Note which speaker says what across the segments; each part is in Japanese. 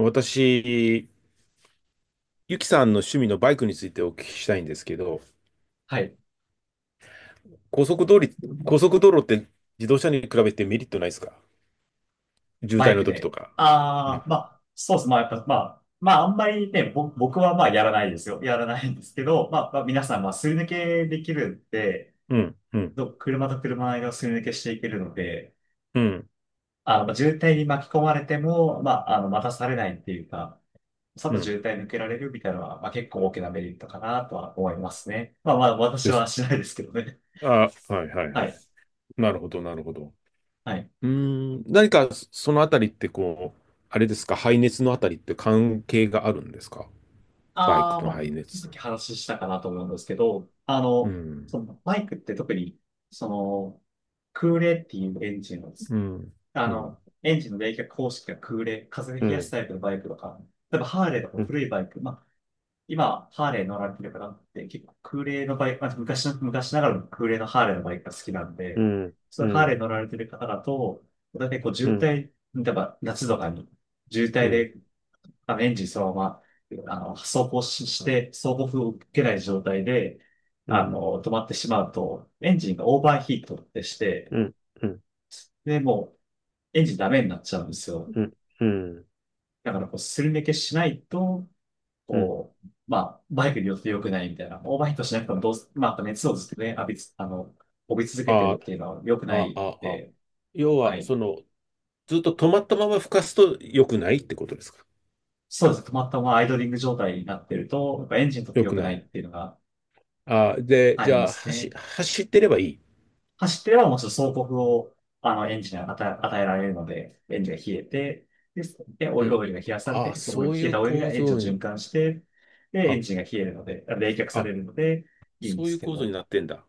Speaker 1: 私、ゆきさんの趣味のバイクについてお聞きしたいんですけど、
Speaker 2: はい。
Speaker 1: 高速道路、高速道路って自動車に比べてメリットないですか？渋
Speaker 2: バ
Speaker 1: 滞
Speaker 2: イ
Speaker 1: の
Speaker 2: ク
Speaker 1: 時と
Speaker 2: で。
Speaker 1: か。う
Speaker 2: あ
Speaker 1: ん、
Speaker 2: あ、まあ、そうです。まあ、やっぱ、まあ、あんまりね、僕はまあ、やらないですよ。やらないんですけど、まあ、皆さん、まあ、すり抜けできるんで、
Speaker 1: うん、うん、
Speaker 2: 車と車の間をすり抜けしていけるので、
Speaker 1: うん、
Speaker 2: まあ渋滞に巻き込まれても、まあ、待たされないっていうか、さっ
Speaker 1: う
Speaker 2: と
Speaker 1: ん。
Speaker 2: 渋滞抜けられるみたいなのは、まあ、結構大きなメリットかなとは思いますね。まあまあ、私
Speaker 1: で
Speaker 2: は
Speaker 1: す。
Speaker 2: しないですけどね。
Speaker 1: あ、はい、はい、
Speaker 2: は
Speaker 1: はい。
Speaker 2: い。
Speaker 1: なるほど、なるほど。
Speaker 2: はい。
Speaker 1: そのあたりってこう、あれですか、排熱のあたりって関係があるんですか？バイ
Speaker 2: ああ、
Speaker 1: クの
Speaker 2: まあ、ほ
Speaker 1: 排
Speaker 2: んとさっ
Speaker 1: 熱。
Speaker 2: き話したかなと思うんですけど、
Speaker 1: うん、
Speaker 2: そのバイクって特に、その、空冷っていうエンジンを
Speaker 1: うん、うん、
Speaker 2: エンジンの冷却方式が空冷、風で
Speaker 1: う
Speaker 2: 冷やす
Speaker 1: ん、
Speaker 2: タイプのバイクとか、例えばハーレーとか
Speaker 1: うん、
Speaker 2: 古いバイク、まあ、今、ハーレー乗られてる方って結構空冷のバイク、まあ、昔ながらの空冷のハーレーのバイクが好きなん
Speaker 1: う
Speaker 2: で、
Speaker 1: ん、
Speaker 2: そう
Speaker 1: う
Speaker 2: いうハーレー
Speaker 1: ん、
Speaker 2: 乗られてる方だと、だいたいこう
Speaker 1: う
Speaker 2: 渋
Speaker 1: ん、
Speaker 2: 滞、例えば夏とかに渋
Speaker 1: う
Speaker 2: 滞
Speaker 1: ん、
Speaker 2: でエンジンそのまま、走行し、して、走行風を受けない状態で、
Speaker 1: うん、
Speaker 2: 止まってしまうと、エンジンがオーバーヒートってして、
Speaker 1: うん。うん
Speaker 2: で、もう、エンジンダメになっちゃうんですよ。
Speaker 1: うん、うん、
Speaker 2: だから、こう、すり抜けしないと、
Speaker 1: うん。
Speaker 2: こう、まあ、バイクによって良くないみたいな、オーバーヒートしなくてもどうす、まあ、あと熱をずっとね、浴びつ、帯び続けてるっ
Speaker 1: あ
Speaker 2: ていうのは良く
Speaker 1: あ、
Speaker 2: な
Speaker 1: あ
Speaker 2: いん
Speaker 1: あ、あ、
Speaker 2: で、
Speaker 1: 要
Speaker 2: は
Speaker 1: は、
Speaker 2: い。
Speaker 1: その、ずっと止まったまま吹かすと良くないってことですか？
Speaker 2: そうですね。止まったままアイドリング状態になってると、やっぱエンジンにとって
Speaker 1: 良
Speaker 2: 良
Speaker 1: く
Speaker 2: く
Speaker 1: な
Speaker 2: ない
Speaker 1: い。
Speaker 2: っていうのが
Speaker 1: ああ、で、
Speaker 2: あ
Speaker 1: じ
Speaker 2: りま
Speaker 1: ゃあ、
Speaker 2: す
Speaker 1: 走、
Speaker 2: ね。
Speaker 1: 走ってればいい。
Speaker 2: 走ってればもうちょっと総国を、エンジンに与えられるので、エンジンが冷えて、で、で、オ
Speaker 1: う
Speaker 2: イ
Speaker 1: ん。
Speaker 2: オイルが冷やされ
Speaker 1: ああ、
Speaker 2: て、そこに
Speaker 1: そうい
Speaker 2: 冷え
Speaker 1: う
Speaker 2: たオイルが
Speaker 1: 構
Speaker 2: エンジンを
Speaker 1: 造
Speaker 2: 循
Speaker 1: に、
Speaker 2: 環して、で、エ
Speaker 1: あ、
Speaker 2: ンジンが冷えるので、冷却さ
Speaker 1: あ、
Speaker 2: れるので、いいんで
Speaker 1: そうい
Speaker 2: す
Speaker 1: う
Speaker 2: け
Speaker 1: 構造に
Speaker 2: ど、
Speaker 1: なってんだ。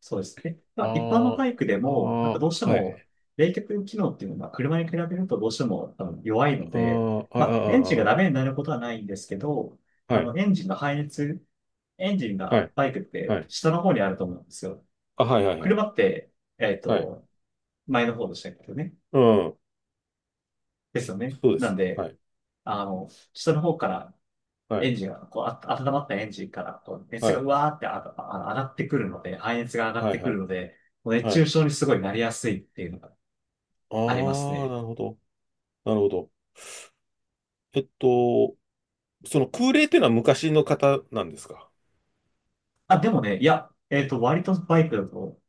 Speaker 2: そうですね。まあ、一般の
Speaker 1: あ
Speaker 2: バイクで
Speaker 1: あ、あ
Speaker 2: も、なんかどうして
Speaker 1: あ、は
Speaker 2: も、
Speaker 1: い。
Speaker 2: 冷却機能っていうのは、車に比べるとどうしても弱いので、
Speaker 1: ああ、あ
Speaker 2: まあ、エンジンが
Speaker 1: あ、
Speaker 2: ダ
Speaker 1: あ
Speaker 2: メになることはないんですけど、
Speaker 1: あ、はい、
Speaker 2: エンジンの排熱、エンジン
Speaker 1: は
Speaker 2: が
Speaker 1: い、
Speaker 2: バイクって
Speaker 1: はい。
Speaker 2: 下の方にあると思うんですよ。
Speaker 1: あ、はい、はい、はい。
Speaker 2: 車って、えっ
Speaker 1: はい。
Speaker 2: と、前の方でしたけどね。
Speaker 1: うん。
Speaker 2: ですよね。
Speaker 1: そうで
Speaker 2: なん
Speaker 1: す。
Speaker 2: で、
Speaker 1: はい、
Speaker 2: 下の方から
Speaker 1: は
Speaker 2: エ
Speaker 1: い、
Speaker 2: ンジンが、こう、温まったエンジンから、こう、
Speaker 1: は
Speaker 2: 熱が
Speaker 1: い、
Speaker 2: うわーって上がってくるので、排熱が上がっ
Speaker 1: は
Speaker 2: て
Speaker 1: い、
Speaker 2: く
Speaker 1: は
Speaker 2: る
Speaker 1: い。
Speaker 2: ので、もう熱
Speaker 1: は
Speaker 2: 中
Speaker 1: い。
Speaker 2: 症にすごいなりやすいっていうのが
Speaker 1: あ
Speaker 2: あります
Speaker 1: あ、
Speaker 2: ね。
Speaker 1: なるほど。なるほど。えっと、その空冷っていうのは昔の方なんですか？
Speaker 2: あ、でもね、いや、割とバイクだと、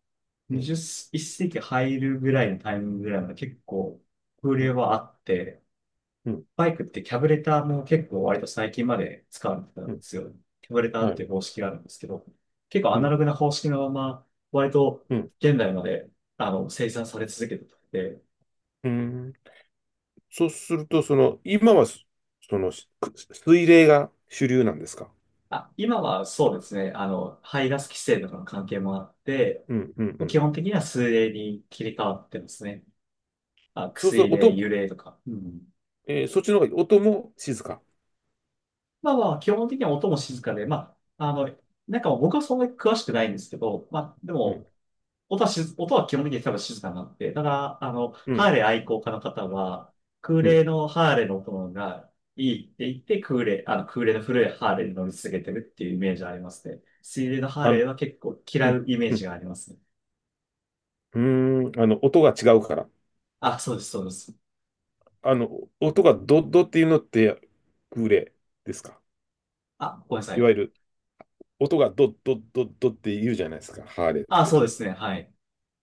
Speaker 1: うん、
Speaker 2: 21世紀入るぐらいのタイミングぐらいまで結構、風
Speaker 1: うん、
Speaker 2: 量はあって、
Speaker 1: うん、
Speaker 2: バイクってキャブレターも結構割と最近まで使われてたん
Speaker 1: う
Speaker 2: で
Speaker 1: ん、
Speaker 2: すよ。キャブレターっ
Speaker 1: はい、
Speaker 2: ていう方式があるんですけど、結構ア
Speaker 1: う
Speaker 2: ナ
Speaker 1: ん、
Speaker 2: ログな方式のまま、割と
Speaker 1: うん、
Speaker 2: 現代まで、生産され続けてて、
Speaker 1: うん。そうすると、その、今はそ、その、しく水冷が主流なんですか？
Speaker 2: あ、今はそうですね、排ガス規制とかの関係もあって、
Speaker 1: うん、うん、う
Speaker 2: 基
Speaker 1: ん。
Speaker 2: 本的には数例に切り替わってますね。あ、
Speaker 1: そうする
Speaker 2: 薬
Speaker 1: と、
Speaker 2: 例、
Speaker 1: 音、
Speaker 2: 油例とか。うん。
Speaker 1: えーそっちの方が音も静か。
Speaker 2: まあまあ、基本的には音も静かで、まあ、なんか僕はそんなに詳しくないんですけど、まあ、で
Speaker 1: うん、
Speaker 2: も、音は基本的に多分静かになって、だから、
Speaker 1: う
Speaker 2: ハー
Speaker 1: ん、
Speaker 2: レー愛好家の方は、空
Speaker 1: うん。
Speaker 2: 冷のハーレーの音がいいって言って、空冷、空冷の古いハーレーに乗り続けてるっていうイメージありますね。水冷のハー
Speaker 1: あ
Speaker 2: レ
Speaker 1: の、
Speaker 2: ーは結構
Speaker 1: う
Speaker 2: 嫌
Speaker 1: ん、
Speaker 2: うイメー
Speaker 1: うん、
Speaker 2: ジがありますね。
Speaker 1: うーん、あの、音が違うから。
Speaker 2: あ、そうです、そうです。
Speaker 1: あの、音がドッドっていうのって、空冷ですか？
Speaker 2: あ、ごめんなさ
Speaker 1: いわ
Speaker 2: い。
Speaker 1: ゆる、音がドッドッドッドッって言うじゃないですか、ハーレーっ
Speaker 2: あ、そう
Speaker 1: て。
Speaker 2: ですね、はい。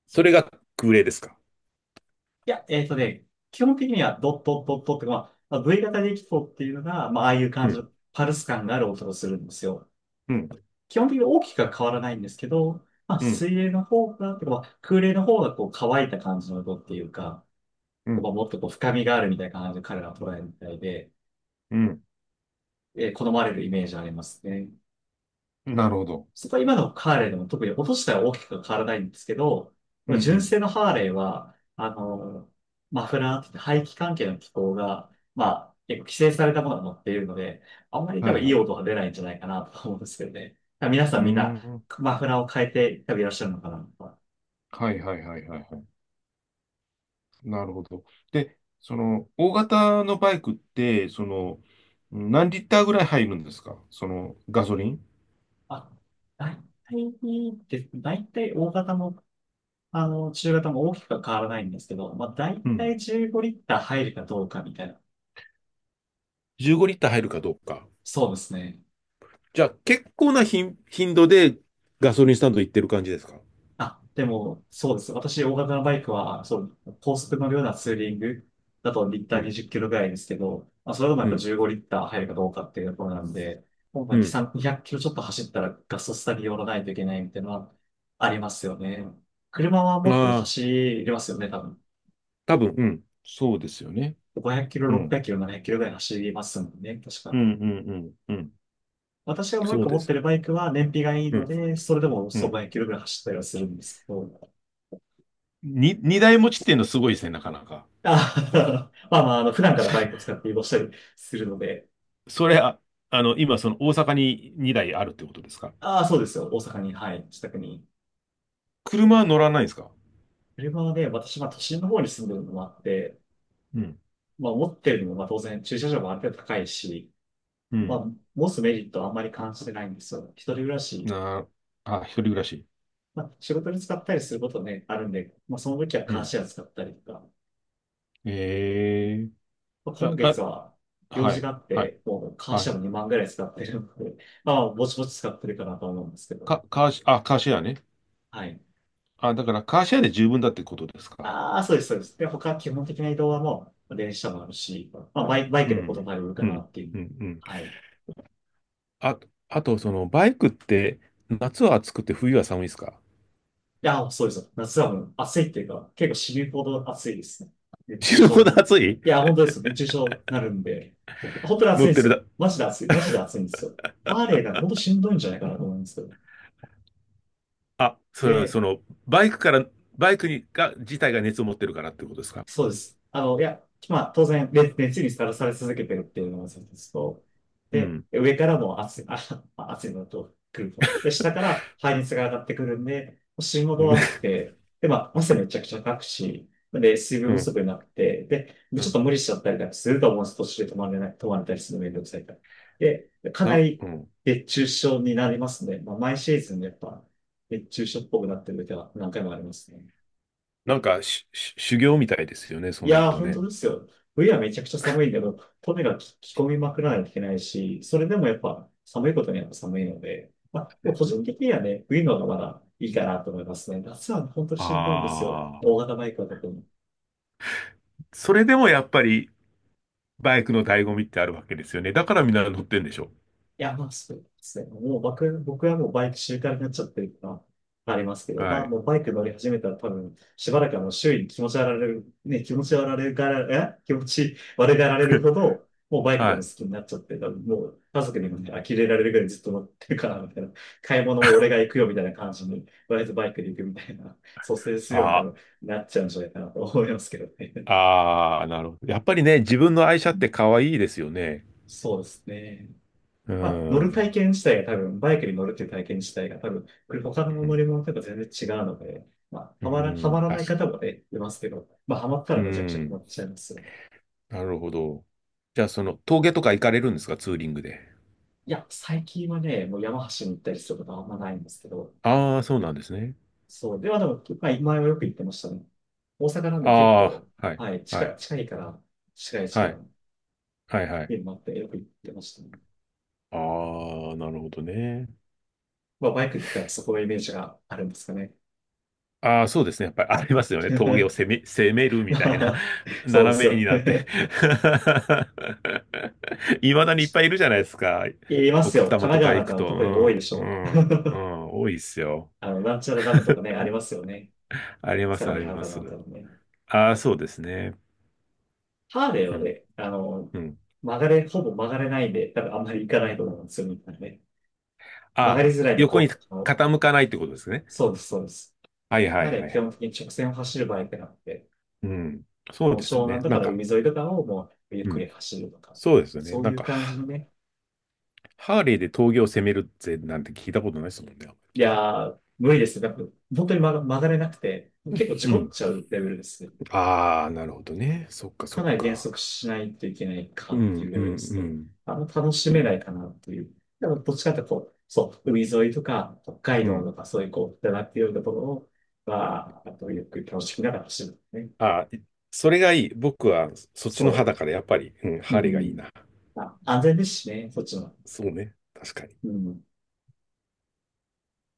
Speaker 1: それが空冷ですか。
Speaker 2: いや、基本的にはドットドットって、まあ、 V 型でキフォっていうのが、まあ、ああいう
Speaker 1: う
Speaker 2: 感じ
Speaker 1: ん、
Speaker 2: のパルス感がある音をするんですよ。
Speaker 1: うん、
Speaker 2: 基本的に大きくは変わらないんですけど、まあ、
Speaker 1: うん、
Speaker 2: 水泳の方が、とかまあ空冷の方がこう乾いた感じの音っていうか、
Speaker 1: うん。
Speaker 2: まあ、もっとこう深みがあるみたいな感じで彼らは捉えるみたいで、
Speaker 1: うん、
Speaker 2: 好まれるイメージありますね。
Speaker 1: なるほど。
Speaker 2: そこは今のハーレーでも特に音自体は大きくは変わらないんですけど、
Speaker 1: うん、う
Speaker 2: 純
Speaker 1: ん。
Speaker 2: 正のハーレーは、マフラーって言って排気関係の機構が、まあ、結構規制されたものが乗っているので、あんまり多
Speaker 1: は
Speaker 2: 分
Speaker 1: い
Speaker 2: い
Speaker 1: はい。
Speaker 2: い
Speaker 1: う
Speaker 2: 音は出ないんじゃないかなと思うんですけどね。皆さ
Speaker 1: ー
Speaker 2: んみんな
Speaker 1: ん。
Speaker 2: マフラーを変えて多分いらっしゃるのかなと。
Speaker 1: はいはいはいはいはい。なるほど。で、その、大型のバイクって、その、何リッターぐらい入るんですか？その、ガソリン。
Speaker 2: あ、大体大体大型も、中型も大きくは変わらないんですけど、まあ、大
Speaker 1: うん。
Speaker 2: 体15リッター入るかどうかみたいな。
Speaker 1: 15リッター入るかどうか。
Speaker 2: そうですね。
Speaker 1: じゃあ結構な頻度でガソリンスタンド行ってる感じですか。
Speaker 2: あ、でも、そうです。私、大型のバイクは、そう、高速乗るようなツーリングだとリッタ
Speaker 1: う
Speaker 2: ー
Speaker 1: ん、
Speaker 2: 20キロぐらいですけど、まあ、それでもや
Speaker 1: う
Speaker 2: っぱ
Speaker 1: ん、
Speaker 2: 15リッター入るかどうかっていうところなんで、もうまあ
Speaker 1: う
Speaker 2: 2、
Speaker 1: ん。
Speaker 2: 3、0 0キロちょっと走ったらガソスタに寄らないといけないみたいなのはありますよね。車はもっと
Speaker 1: ああ、
Speaker 2: 走りますよね、多分。
Speaker 1: 多分、うん。そうですよね。
Speaker 2: 500キロ、
Speaker 1: う
Speaker 2: 600
Speaker 1: ん。
Speaker 2: キロ、700キロぐらい走りますもんね、確
Speaker 1: う
Speaker 2: か。
Speaker 1: んうんうんうん。
Speaker 2: 私がもう一
Speaker 1: そう
Speaker 2: 個
Speaker 1: で
Speaker 2: 持って
Speaker 1: す。
Speaker 2: るバイクは燃費がいい
Speaker 1: う
Speaker 2: の
Speaker 1: ん。
Speaker 2: で、それでも
Speaker 1: う
Speaker 2: そう
Speaker 1: ん。
Speaker 2: 500キロぐらい走ったりはするんですけど。
Speaker 1: に二台持ちっていうのすごいですね、なかなか。
Speaker 2: あ まあまあ、普段 か
Speaker 1: そ
Speaker 2: らバイク使って移動したりするので。
Speaker 1: それ、あ、あの、今、その大阪に二台あるってことですか？
Speaker 2: ああ、そうですよ。大阪に、はい、自宅に。
Speaker 1: 車は乗らないですか？
Speaker 2: 車はね、私、まあ都心の方に住んでるのもあって、
Speaker 1: うん。
Speaker 2: まあ持ってるのも、まあ当然駐車場もある程度高いし、
Speaker 1: う
Speaker 2: ま
Speaker 1: ん。
Speaker 2: あ、持つメリットはあんまり感じてないんですよ。一人暮らし、
Speaker 1: なあ、あ、一人暮らし。
Speaker 2: まあ仕事に使ったりすることね、あるんで、まあその時は
Speaker 1: う
Speaker 2: カー
Speaker 1: ん。
Speaker 2: シェア使ったりとか、
Speaker 1: ええ、
Speaker 2: 今
Speaker 1: あ、
Speaker 2: 月は
Speaker 1: あ、
Speaker 2: 用
Speaker 1: は
Speaker 2: 事が
Speaker 1: い、
Speaker 2: あっ
Speaker 1: はい、
Speaker 2: て、もうカー
Speaker 1: は
Speaker 2: シャ
Speaker 1: い。
Speaker 2: ム2万ぐらい使ってるので、まあ、ぼちぼち使ってるかなと思うんですけど。
Speaker 1: か、カーシ、あ、カーシェアね。
Speaker 2: はい。
Speaker 1: あ、だからカーシェアで十分だってことですか。
Speaker 2: ああ、そうです、そうです。で、他基本的な移動はもう、電車もあるし、まあ、バイ
Speaker 1: う
Speaker 2: クでほとん
Speaker 1: ん、
Speaker 2: ど歩るか
Speaker 1: う
Speaker 2: な
Speaker 1: ん、
Speaker 2: っていう。
Speaker 1: うん、うん。
Speaker 2: はい。い
Speaker 1: あ、あと、その、バイクって、夏は暑くて冬は寒いですか？
Speaker 2: や、そうです。夏はもう暑いっていうか、結構死ぬほど暑いですね。熱中
Speaker 1: 死ぬ
Speaker 2: 症
Speaker 1: ほど
Speaker 2: に。い
Speaker 1: 暑い。
Speaker 2: や、本当です。熱中症になるんで、本当に暑
Speaker 1: 乗
Speaker 2: いん
Speaker 1: っ
Speaker 2: で
Speaker 1: て
Speaker 2: す
Speaker 1: る
Speaker 2: よ。
Speaker 1: だ、
Speaker 2: マジで暑い。マジで暑いんですよ。アーレーなんか本当しんどいんじゃないかなと思うんですけど。
Speaker 1: あ、それは
Speaker 2: で、
Speaker 1: その、バイクから、バイクにが、自体が熱を持ってるからってことですか。
Speaker 2: そうです。いや、まあ、当然、熱にさらされ続けてるっていうのが一つと、
Speaker 1: う
Speaker 2: で、
Speaker 1: ん。
Speaker 2: 上からも熱い、あ、まあ熱いのと来ると。で、下から排熱が上がってくるんで、心臓 が熱く
Speaker 1: ね。
Speaker 2: て、で、まあ、汗めちゃくちゃかくし、で、水分
Speaker 1: う
Speaker 2: 不
Speaker 1: ん。
Speaker 2: 足になって、で、
Speaker 1: う
Speaker 2: ちょっ
Speaker 1: ん、
Speaker 2: と無理しちゃったりなんかすると思うんです。途中で止まれない、止まれたりするのめんどくさいから。で、かな
Speaker 1: な、
Speaker 2: り
Speaker 1: うん。
Speaker 2: 熱中症になりますね。まあ、毎シーズンやっぱ、熱中症っぽくなってる時は何回もありますね。
Speaker 1: し修行みたいですよね、そ
Speaker 2: い
Speaker 1: うなる
Speaker 2: やー、
Speaker 1: と
Speaker 2: 本当
Speaker 1: ね。
Speaker 2: ですよ。冬はめちゃくちゃ寒いけど、とにかく着込みまくらないといけないし、それでもやっぱ寒いことには寒いので、まあ、もう個人的にはね、冬の方がまだいいかなと思いますね。夏は本当にしんどいんですよ。
Speaker 1: あ
Speaker 2: 大
Speaker 1: あ。
Speaker 2: 型バイクは特に。
Speaker 1: それでもやっぱり、バイクの醍醐味ってあるわけですよね。だからみんな乗ってんでしょ。
Speaker 2: いや、まあそうですね。もう僕はもうバイク習慣になっちゃってるっていうのはありますけど、ま
Speaker 1: は
Speaker 2: あ
Speaker 1: い。
Speaker 2: もうバイク乗り始めたら多分、しばらくはもう周囲に気持ち悪がられる、ね、気持ち悪がられるから、気持ち悪がられる ほど、もうバイク多
Speaker 1: は
Speaker 2: 分
Speaker 1: い。
Speaker 2: 好きになっちゃって、多分もう家族にもね、呆れられるぐらいずっと乗ってるから、みたいな。買い物も俺が行くよみたいな感じに、割とバイクで行くみたいな、蘇生するように多
Speaker 1: あ
Speaker 2: 分なっちゃうんじゃないかなと思いますけどね。
Speaker 1: あ、ああ、なるほど。やっぱりね、自分の愛車って可愛いですよね。
Speaker 2: そうですね。
Speaker 1: う
Speaker 2: まあ、乗る
Speaker 1: ん。
Speaker 2: 体験自体が多分、バイクに乗るっていう体験自体が多分、これ他の
Speaker 1: う
Speaker 2: 乗
Speaker 1: ん。
Speaker 2: り物とか全然違うので、ま
Speaker 1: う
Speaker 2: あ、はまら、は
Speaker 1: ん、
Speaker 2: まらな
Speaker 1: 確
Speaker 2: い方
Speaker 1: か
Speaker 2: もね、いますけど、まあ、はまった
Speaker 1: に。
Speaker 2: ら
Speaker 1: う
Speaker 2: めちゃくちゃはま
Speaker 1: ん。
Speaker 2: っちゃいますよね。
Speaker 1: なるほど。じゃあ、その、峠とか行かれるんですか、ツーリングで。
Speaker 2: いや、最近はね、もう山橋に行ったりすることはあんまないんですけど、
Speaker 1: ああ、そうなんですね。
Speaker 2: そう、ではでも、まあ、前はよく行ってましたね。大阪なん
Speaker 1: あ
Speaker 2: で結構、
Speaker 1: あ、はい、
Speaker 2: はい、
Speaker 1: は
Speaker 2: 近い、
Speaker 1: い、
Speaker 2: 近いから、近い近
Speaker 1: は
Speaker 2: い、
Speaker 1: い、はい、はい。
Speaker 2: 見るもあってよく行ってましたね。
Speaker 1: ああ、なるほどね。
Speaker 2: まあ、バイクって言ったらそこのイメージがあるんですかね。
Speaker 1: ああ、そうですね。やっぱりありますよね。峠を 攻め、攻めるみ
Speaker 2: ま
Speaker 1: たいな、
Speaker 2: あ、そうです
Speaker 1: 斜め
Speaker 2: よ。
Speaker 1: になって。いまだにいっぱいいるじゃないですか。
Speaker 2: います
Speaker 1: 奥多
Speaker 2: よ。神
Speaker 1: 摩と
Speaker 2: 奈川
Speaker 1: か
Speaker 2: な
Speaker 1: 行
Speaker 2: んか
Speaker 1: く
Speaker 2: の
Speaker 1: と。
Speaker 2: 特に多いでし
Speaker 1: うん、
Speaker 2: ょ
Speaker 1: う
Speaker 2: う。
Speaker 1: ん、うん、多いっすよ。
Speaker 2: あの、なんちゃらダム とかね、ありますよね。
Speaker 1: あります、
Speaker 2: 相
Speaker 1: あ
Speaker 2: 模
Speaker 1: り
Speaker 2: 原
Speaker 1: ま
Speaker 2: かな
Speaker 1: す。
Speaker 2: んかのね。
Speaker 1: ああ、そうですね。
Speaker 2: ハーレー
Speaker 1: う
Speaker 2: は
Speaker 1: ん、
Speaker 2: ね、あの、
Speaker 1: うん。
Speaker 2: 曲がれ、ほぼ曲がれないんで、多分あんまり行かないと思うんですよ、みたいなね。曲が
Speaker 1: あ、
Speaker 2: りづらいの、
Speaker 1: 横に
Speaker 2: こう、あの
Speaker 1: 傾かないってことですね。
Speaker 2: そうです、そうです。
Speaker 1: はい
Speaker 2: ハ
Speaker 1: は
Speaker 2: ー
Speaker 1: いは
Speaker 2: レー
Speaker 1: いは
Speaker 2: 基本
Speaker 1: い。
Speaker 2: 的に直線を走るバイクなので、
Speaker 1: うん。そ
Speaker 2: も
Speaker 1: う
Speaker 2: う
Speaker 1: です
Speaker 2: 湘
Speaker 1: よね。
Speaker 2: 南と
Speaker 1: な
Speaker 2: か
Speaker 1: ん
Speaker 2: の
Speaker 1: か、
Speaker 2: 海沿いとかをもうゆっ
Speaker 1: う
Speaker 2: く
Speaker 1: ん。
Speaker 2: り走るとか、
Speaker 1: そうですよね。
Speaker 2: そう
Speaker 1: な
Speaker 2: い
Speaker 1: ん
Speaker 2: う
Speaker 1: か、
Speaker 2: 感じ
Speaker 1: ハ、
Speaker 2: のね。
Speaker 1: ハーレーで峠を攻めるぜなんて聞いたことないですもんね。
Speaker 2: いやー、無理ですね。なんか、本当に曲がれなくて、結構事
Speaker 1: う
Speaker 2: 故っ
Speaker 1: ん。
Speaker 2: ちゃうレベルですね。
Speaker 1: ああ、なるほどね。そっかそ
Speaker 2: か
Speaker 1: っ
Speaker 2: なり減
Speaker 1: か。
Speaker 2: 速しないといけないか
Speaker 1: う
Speaker 2: ってい
Speaker 1: ん
Speaker 2: うレ
Speaker 1: う
Speaker 2: ベル
Speaker 1: ん
Speaker 2: です
Speaker 1: う
Speaker 2: ね。
Speaker 1: ん。
Speaker 2: あの楽し
Speaker 1: と、
Speaker 2: めないかなっていう。でも、どっちかっていうとこう、そう、海沿いとか、北海
Speaker 1: う
Speaker 2: 道
Speaker 1: ん。
Speaker 2: とか、そういうこう、だなっていうところを、まあ、あと、ゆっくり楽しみながら走るね。
Speaker 1: あー、い、それがいい。僕はそっちの
Speaker 2: そ
Speaker 1: 派だからやっぱり、うん、
Speaker 2: う。
Speaker 1: ハ
Speaker 2: う
Speaker 1: ーレーがいい
Speaker 2: ん。
Speaker 1: な。
Speaker 2: まあ、安全ですしね、そっちの。
Speaker 1: そうね。確かに。
Speaker 2: うん。